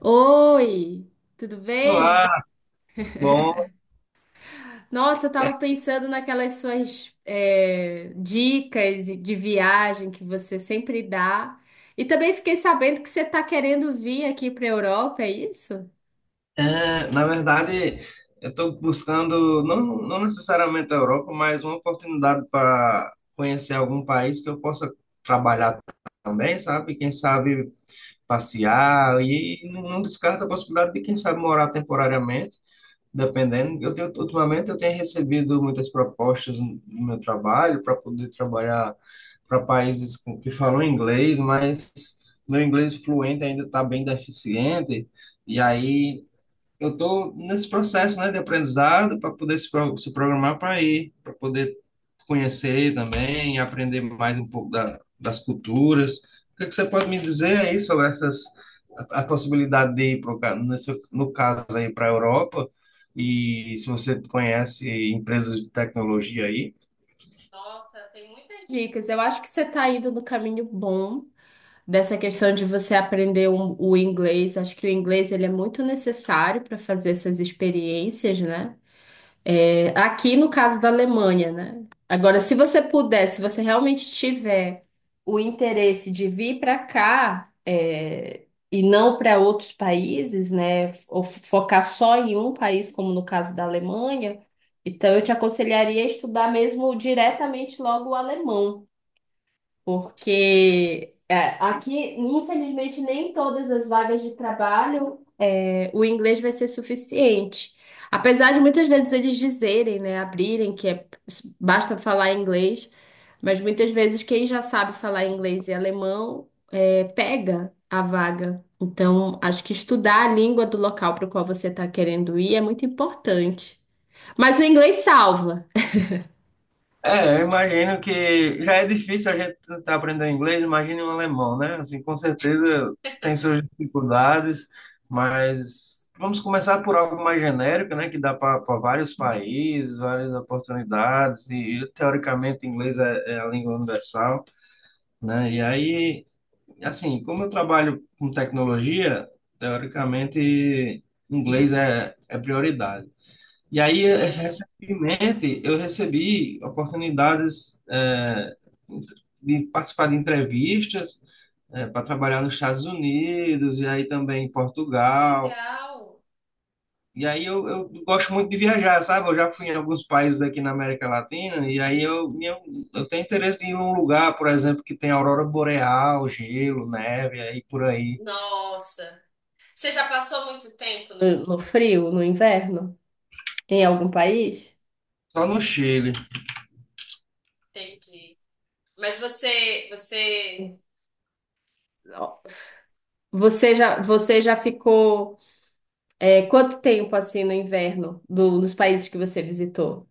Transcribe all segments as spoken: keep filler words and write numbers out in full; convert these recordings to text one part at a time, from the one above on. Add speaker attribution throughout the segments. Speaker 1: Oi, tudo bem?
Speaker 2: Olá, bom.
Speaker 1: Nossa, eu tava pensando naquelas suas é, dicas de viagem que você sempre dá. E também fiquei sabendo que você tá querendo vir aqui para a Europa, é isso?
Speaker 2: É, na verdade, eu estou buscando, não, não necessariamente a Europa, mas uma oportunidade para conhecer algum país que eu possa trabalhar também, sabe? Quem sabe passear e não não descarta a possibilidade de, quem sabe, morar temporariamente. Dependendo, eu tenho, ultimamente eu tenho recebido muitas propostas no no meu trabalho para poder trabalhar para países com- que falam inglês, mas meu inglês fluente ainda está bem deficiente, e aí eu estou nesse processo, né, de aprendizado para poder se, pro- se programar para ir, para poder conhecer também, aprender mais um pouco da, das culturas. O que é que você pode me dizer aí sobre essas a, a possibilidade de ir pro, ca- nesse, no caso aí para a Europa e se você conhece empresas de tecnologia aí?
Speaker 1: Nossa, tem muitas dicas. Eu acho que você tá indo no caminho bom dessa questão de você aprender um- o inglês. Acho que o inglês ele é muito necessário para fazer essas experiências, né? É, aqui no caso da Alemanha, né? Agora, se você puder, se você realmente tiver o interesse de vir para cá, é, e não para outros países, né? Ou focar só em um país, como no caso da Alemanha, então eu te aconselharia a estudar mesmo diretamente logo o alemão. Porque é, aqui, infelizmente, nem todas as vagas de trabalho é, o inglês vai ser suficiente. Apesar de muitas vezes eles dizerem, né, abrirem que é, basta falar inglês, mas muitas vezes quem já sabe falar inglês e alemão é, pega a vaga. Então, acho que estudar a língua do local para o qual você está querendo ir é muito importante. Mas o inglês salva.
Speaker 2: É, eu imagino que já é difícil a gente estar aprendendo inglês, imagine um alemão, né? Assim, com certeza tem suas dificuldades, mas vamos começar por algo mais genérico, né? Que dá para vários países, várias oportunidades, e, e, teoricamente inglês é, é a língua universal, né? E aí, assim, como eu trabalho com tecnologia, teoricamente inglês é, é prioridade. E aí, eh,
Speaker 1: Sim,
Speaker 2: recentemente, eu recebi oportunidades eh, de participar de entrevistas para trabalhar nos Estados Unidos e aí também em Portugal.
Speaker 1: legal.
Speaker 2: E aí eu, eu gosto muito de viajar, sabe? Eu já fui em alguns países aqui na América Latina e aí eu, minha- eu tenho interesse em ir num lugar, por exemplo, que tem aurora boreal, gelo, neve, aí por aí.
Speaker 1: Nossa. Você já passou muito tempo no... No frio, no inverno, em algum país?
Speaker 2: Só no Chile.
Speaker 1: Entendi. Mas você, você... Ó, Você já, você já ficou é, quanto tempo assim no inverno do, dos países que você visitou?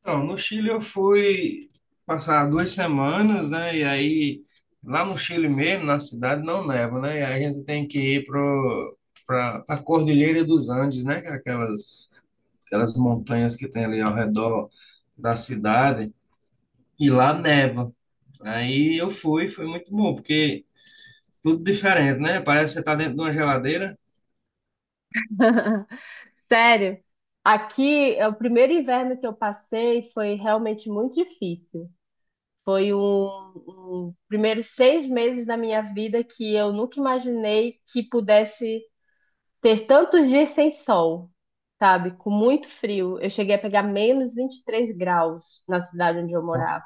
Speaker 2: Então, no Chile eu fui passar duas semanas, né? E aí, lá no Chile mesmo, na cidade, não neva, né? E aí a gente tem que ir pro, pra, pra Cordilheira dos Andes, né? Que é Aquelas, aquelas montanhas que tem ali ao redor da cidade. E lá neva. Aí eu fui, foi muito bom, porque tudo diferente, né? Parece que você tá dentro de uma geladeira,
Speaker 1: Sério, aqui é o primeiro inverno que eu passei foi realmente muito difícil. Foi um, um primeiros seis meses da minha vida que eu nunca imaginei que pudesse ter tantos dias sem sol, sabe? Com muito frio. Eu cheguei a pegar menos vinte e três graus na cidade onde eu morava.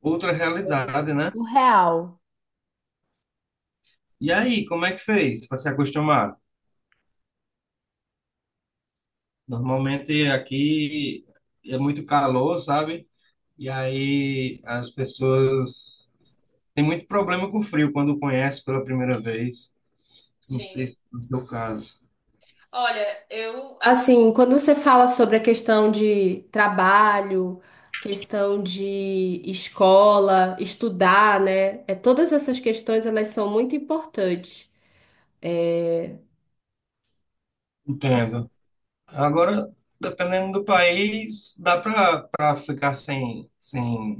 Speaker 2: outra
Speaker 1: Coisa
Speaker 2: realidade,
Speaker 1: assim,
Speaker 2: né?
Speaker 1: surreal.
Speaker 2: E aí, como é que fez para se acostumar? Normalmente aqui é muito calor, sabe? E aí as pessoas têm muito problema com frio quando conhece pela primeira vez. Não sei
Speaker 1: Sim.
Speaker 2: se é o seu caso.
Speaker 1: Olha, eu, assim, quando você fala sobre a questão de trabalho, questão de escola, estudar, né? É, todas essas questões, elas são muito importantes.
Speaker 2: Entendo. Agora, dependendo do país, dá para para ficar sem, sem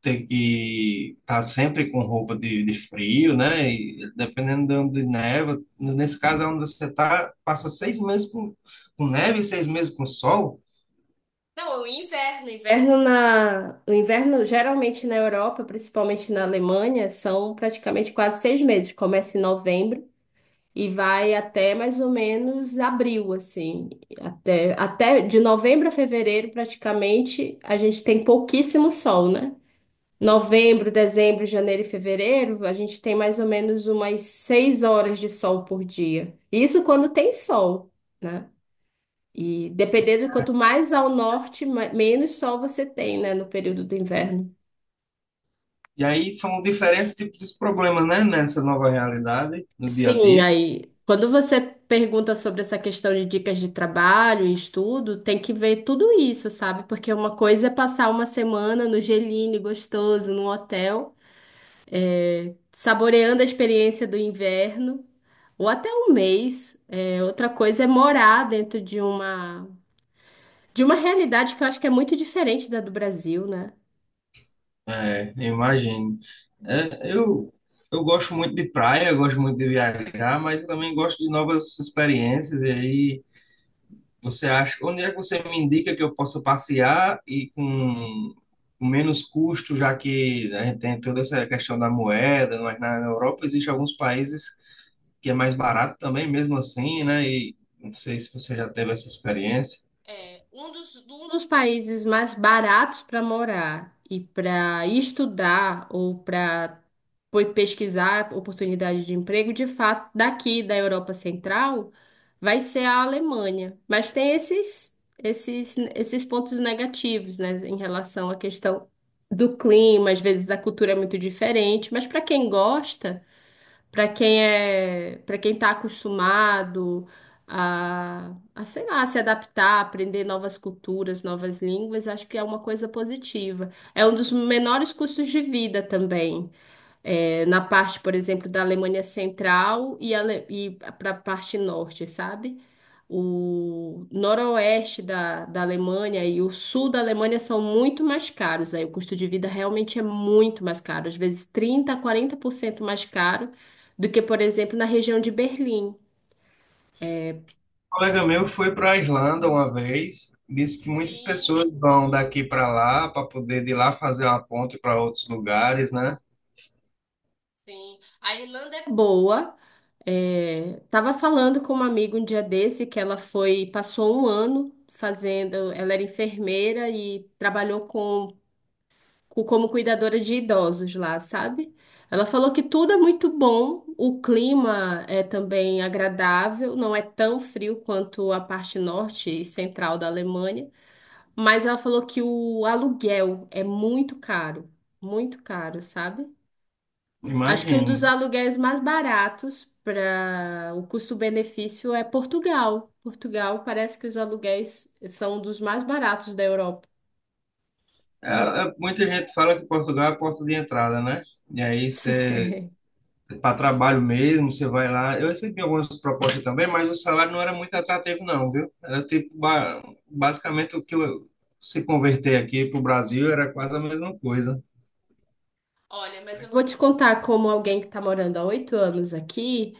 Speaker 2: ter que estar sempre com roupa de, de frio, né? E dependendo de onde neva, nesse caso é onde você tá, passa seis meses com, com neve e seis meses com sol.
Speaker 1: Não, é o inverno, inverno na, o inverno geralmente na Europa, principalmente na Alemanha, são praticamente quase seis meses. Começa em novembro e vai até mais ou menos abril, assim, até, até de novembro a fevereiro praticamente a gente tem pouquíssimo sol, né? Novembro, dezembro, janeiro e fevereiro a gente tem mais ou menos umas seis horas de sol por dia. Isso quando tem sol. né? E dependendo, quanto mais ao norte, ma- menos sol você tem, né, no período do inverno.
Speaker 2: E aí são diferentes tipos de problemas, né, nessa nova realidade, no dia a
Speaker 1: Sim,
Speaker 2: dia.
Speaker 1: aí, quando você pergunta sobre essa questão de dicas de trabalho e estudo, tem que ver tudo isso, sabe? Porque uma coisa é passar uma semana no geline gostoso, num hotel, saboreando a experiência do inverno, ou até um mês. É, outra coisa é morar dentro de uma, de uma realidade que eu acho que é muito diferente da do Brasil, né?
Speaker 2: É, eu imagino. É, eu, eu gosto muito de praia, eu gosto muito de viajar, mas eu também gosto de novas experiências. E aí, você acha, onde é que você me indica que eu possa passear e com com menos custo, já que a gente tem toda essa questão da moeda, mas na Europa existe alguns países que é mais barato também, mesmo assim, né? E não sei se você já teve essa experiência.
Speaker 1: É, um dos, um dos países mais baratos para morar e para estudar ou para pesquisar oportunidades de emprego, de fato, daqui da Europa Central, vai ser a Alemanha. Mas tem esses, esses, esses pontos negativos, né, em relação à questão do clima, às vezes a cultura é muito diferente, mas para quem gosta para quem é, para quem está acostumado a, a, sei lá, se adaptar, aprender novas culturas, novas línguas, acho que é uma coisa positiva. É um dos menores custos de vida também é, na parte, por exemplo, da Alemanha Central e, ale- e para a parte norte, sabe? O noroeste da, da Alemanha e o sul da Alemanha são muito mais caros. Aí o custo de vida realmente é muito mais caro, às vezes trinta a quarenta por cento mais caro do que, por exemplo, na região de Berlim.
Speaker 2: Um colega meu foi para a Islândia uma vez, disse que muitas pessoas
Speaker 1: Sim,
Speaker 2: vão daqui para lá para poder de lá fazer uma ponte para outros lugares, né?
Speaker 1: Sim, a Irlanda é boa. É, tava falando com uma amiga um dia desse que ela foi, passou um ano fazendo, ela era enfermeira e trabalhou com, com- como cuidadora de idosos lá, sabe? Ela falou que tudo é muito bom, o clima é também agradável, não é tão frio quanto a parte norte e central da Alemanha, mas ela falou que o aluguel é muito caro, muito caro, sabe? Acho que um dos
Speaker 2: Imagino.
Speaker 1: aluguéis mais baratos para o custo-benefício é Portugal. Portugal parece que os aluguéis são um dos mais baratos da Europa.
Speaker 2: É, é, muita gente fala que Portugal é a porta de entrada, né? E aí você,
Speaker 1: Sim.
Speaker 2: para trabalho mesmo, você vai lá. Eu recebi algumas propostas também, mas o salário não era muito atrativo, não, viu? Era tipo, ba- basicamente o que eu, se converter aqui para o Brasil era quase a mesma coisa.
Speaker 1: Olha, mas eu vou te contar como alguém que está morando há oito anos aqui,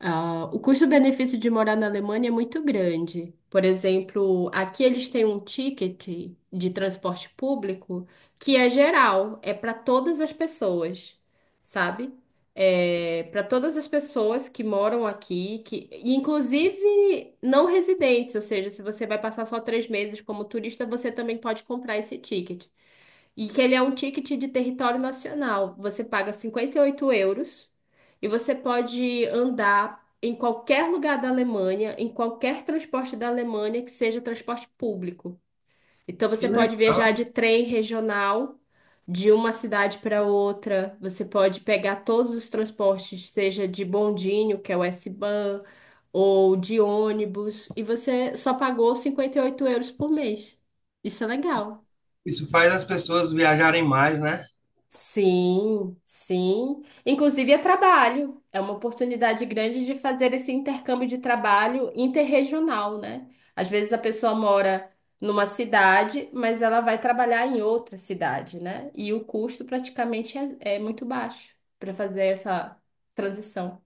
Speaker 1: ah, o custo-benefício de morar na Alemanha é muito grande. Por exemplo, aqui eles têm um ticket de transporte público que é geral, é para todas as pessoas, sabe? É para todas as pessoas que moram aqui, que e inclusive não residentes, ou seja, se você vai passar só três meses como turista, você também pode comprar esse ticket. E que ele é um ticket de território nacional. Você paga cinquenta e oito euros e você pode andar em qualquer lugar da Alemanha, em qualquer transporte da Alemanha que seja transporte público. Então
Speaker 2: Que
Speaker 1: você pode viajar
Speaker 2: legal.
Speaker 1: de trem regional de uma cidade para outra, você pode pegar todos os transportes, seja de bondinho, que é o S-Bahn, ou de ônibus, e você só pagou cinquenta e oito euros por mês. Isso é legal.
Speaker 2: Isso faz as pessoas viajarem mais, né?
Speaker 1: Sim, sim. Inclusive é trabalho. É uma oportunidade grande de fazer esse intercâmbio de trabalho interregional, né? Às vezes a pessoa mora numa cidade, mas ela vai trabalhar em outra cidade, né? E o custo praticamente é, é muito baixo para fazer essa transição.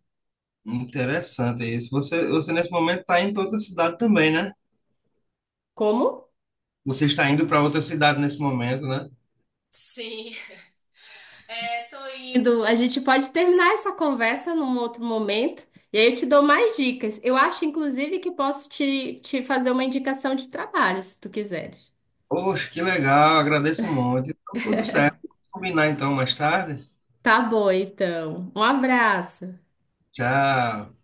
Speaker 2: Interessante isso. Você, você nesse momento está indo para outra cidade também, né?
Speaker 1: Como?
Speaker 2: Você está indo para outra cidade nesse momento, né?
Speaker 1: Sim, Tô indo. A gente pode terminar essa conversa num outro momento e aí eu te dou mais dicas. Eu acho, inclusive, que posso te, te fazer uma indicação de trabalho, se tu quiseres.
Speaker 2: Poxa, que legal, agradeço muito. Então, tudo certo. Vamos combinar então mais tarde.
Speaker 1: Tá bom, então. Um abraço.
Speaker 2: Tchau.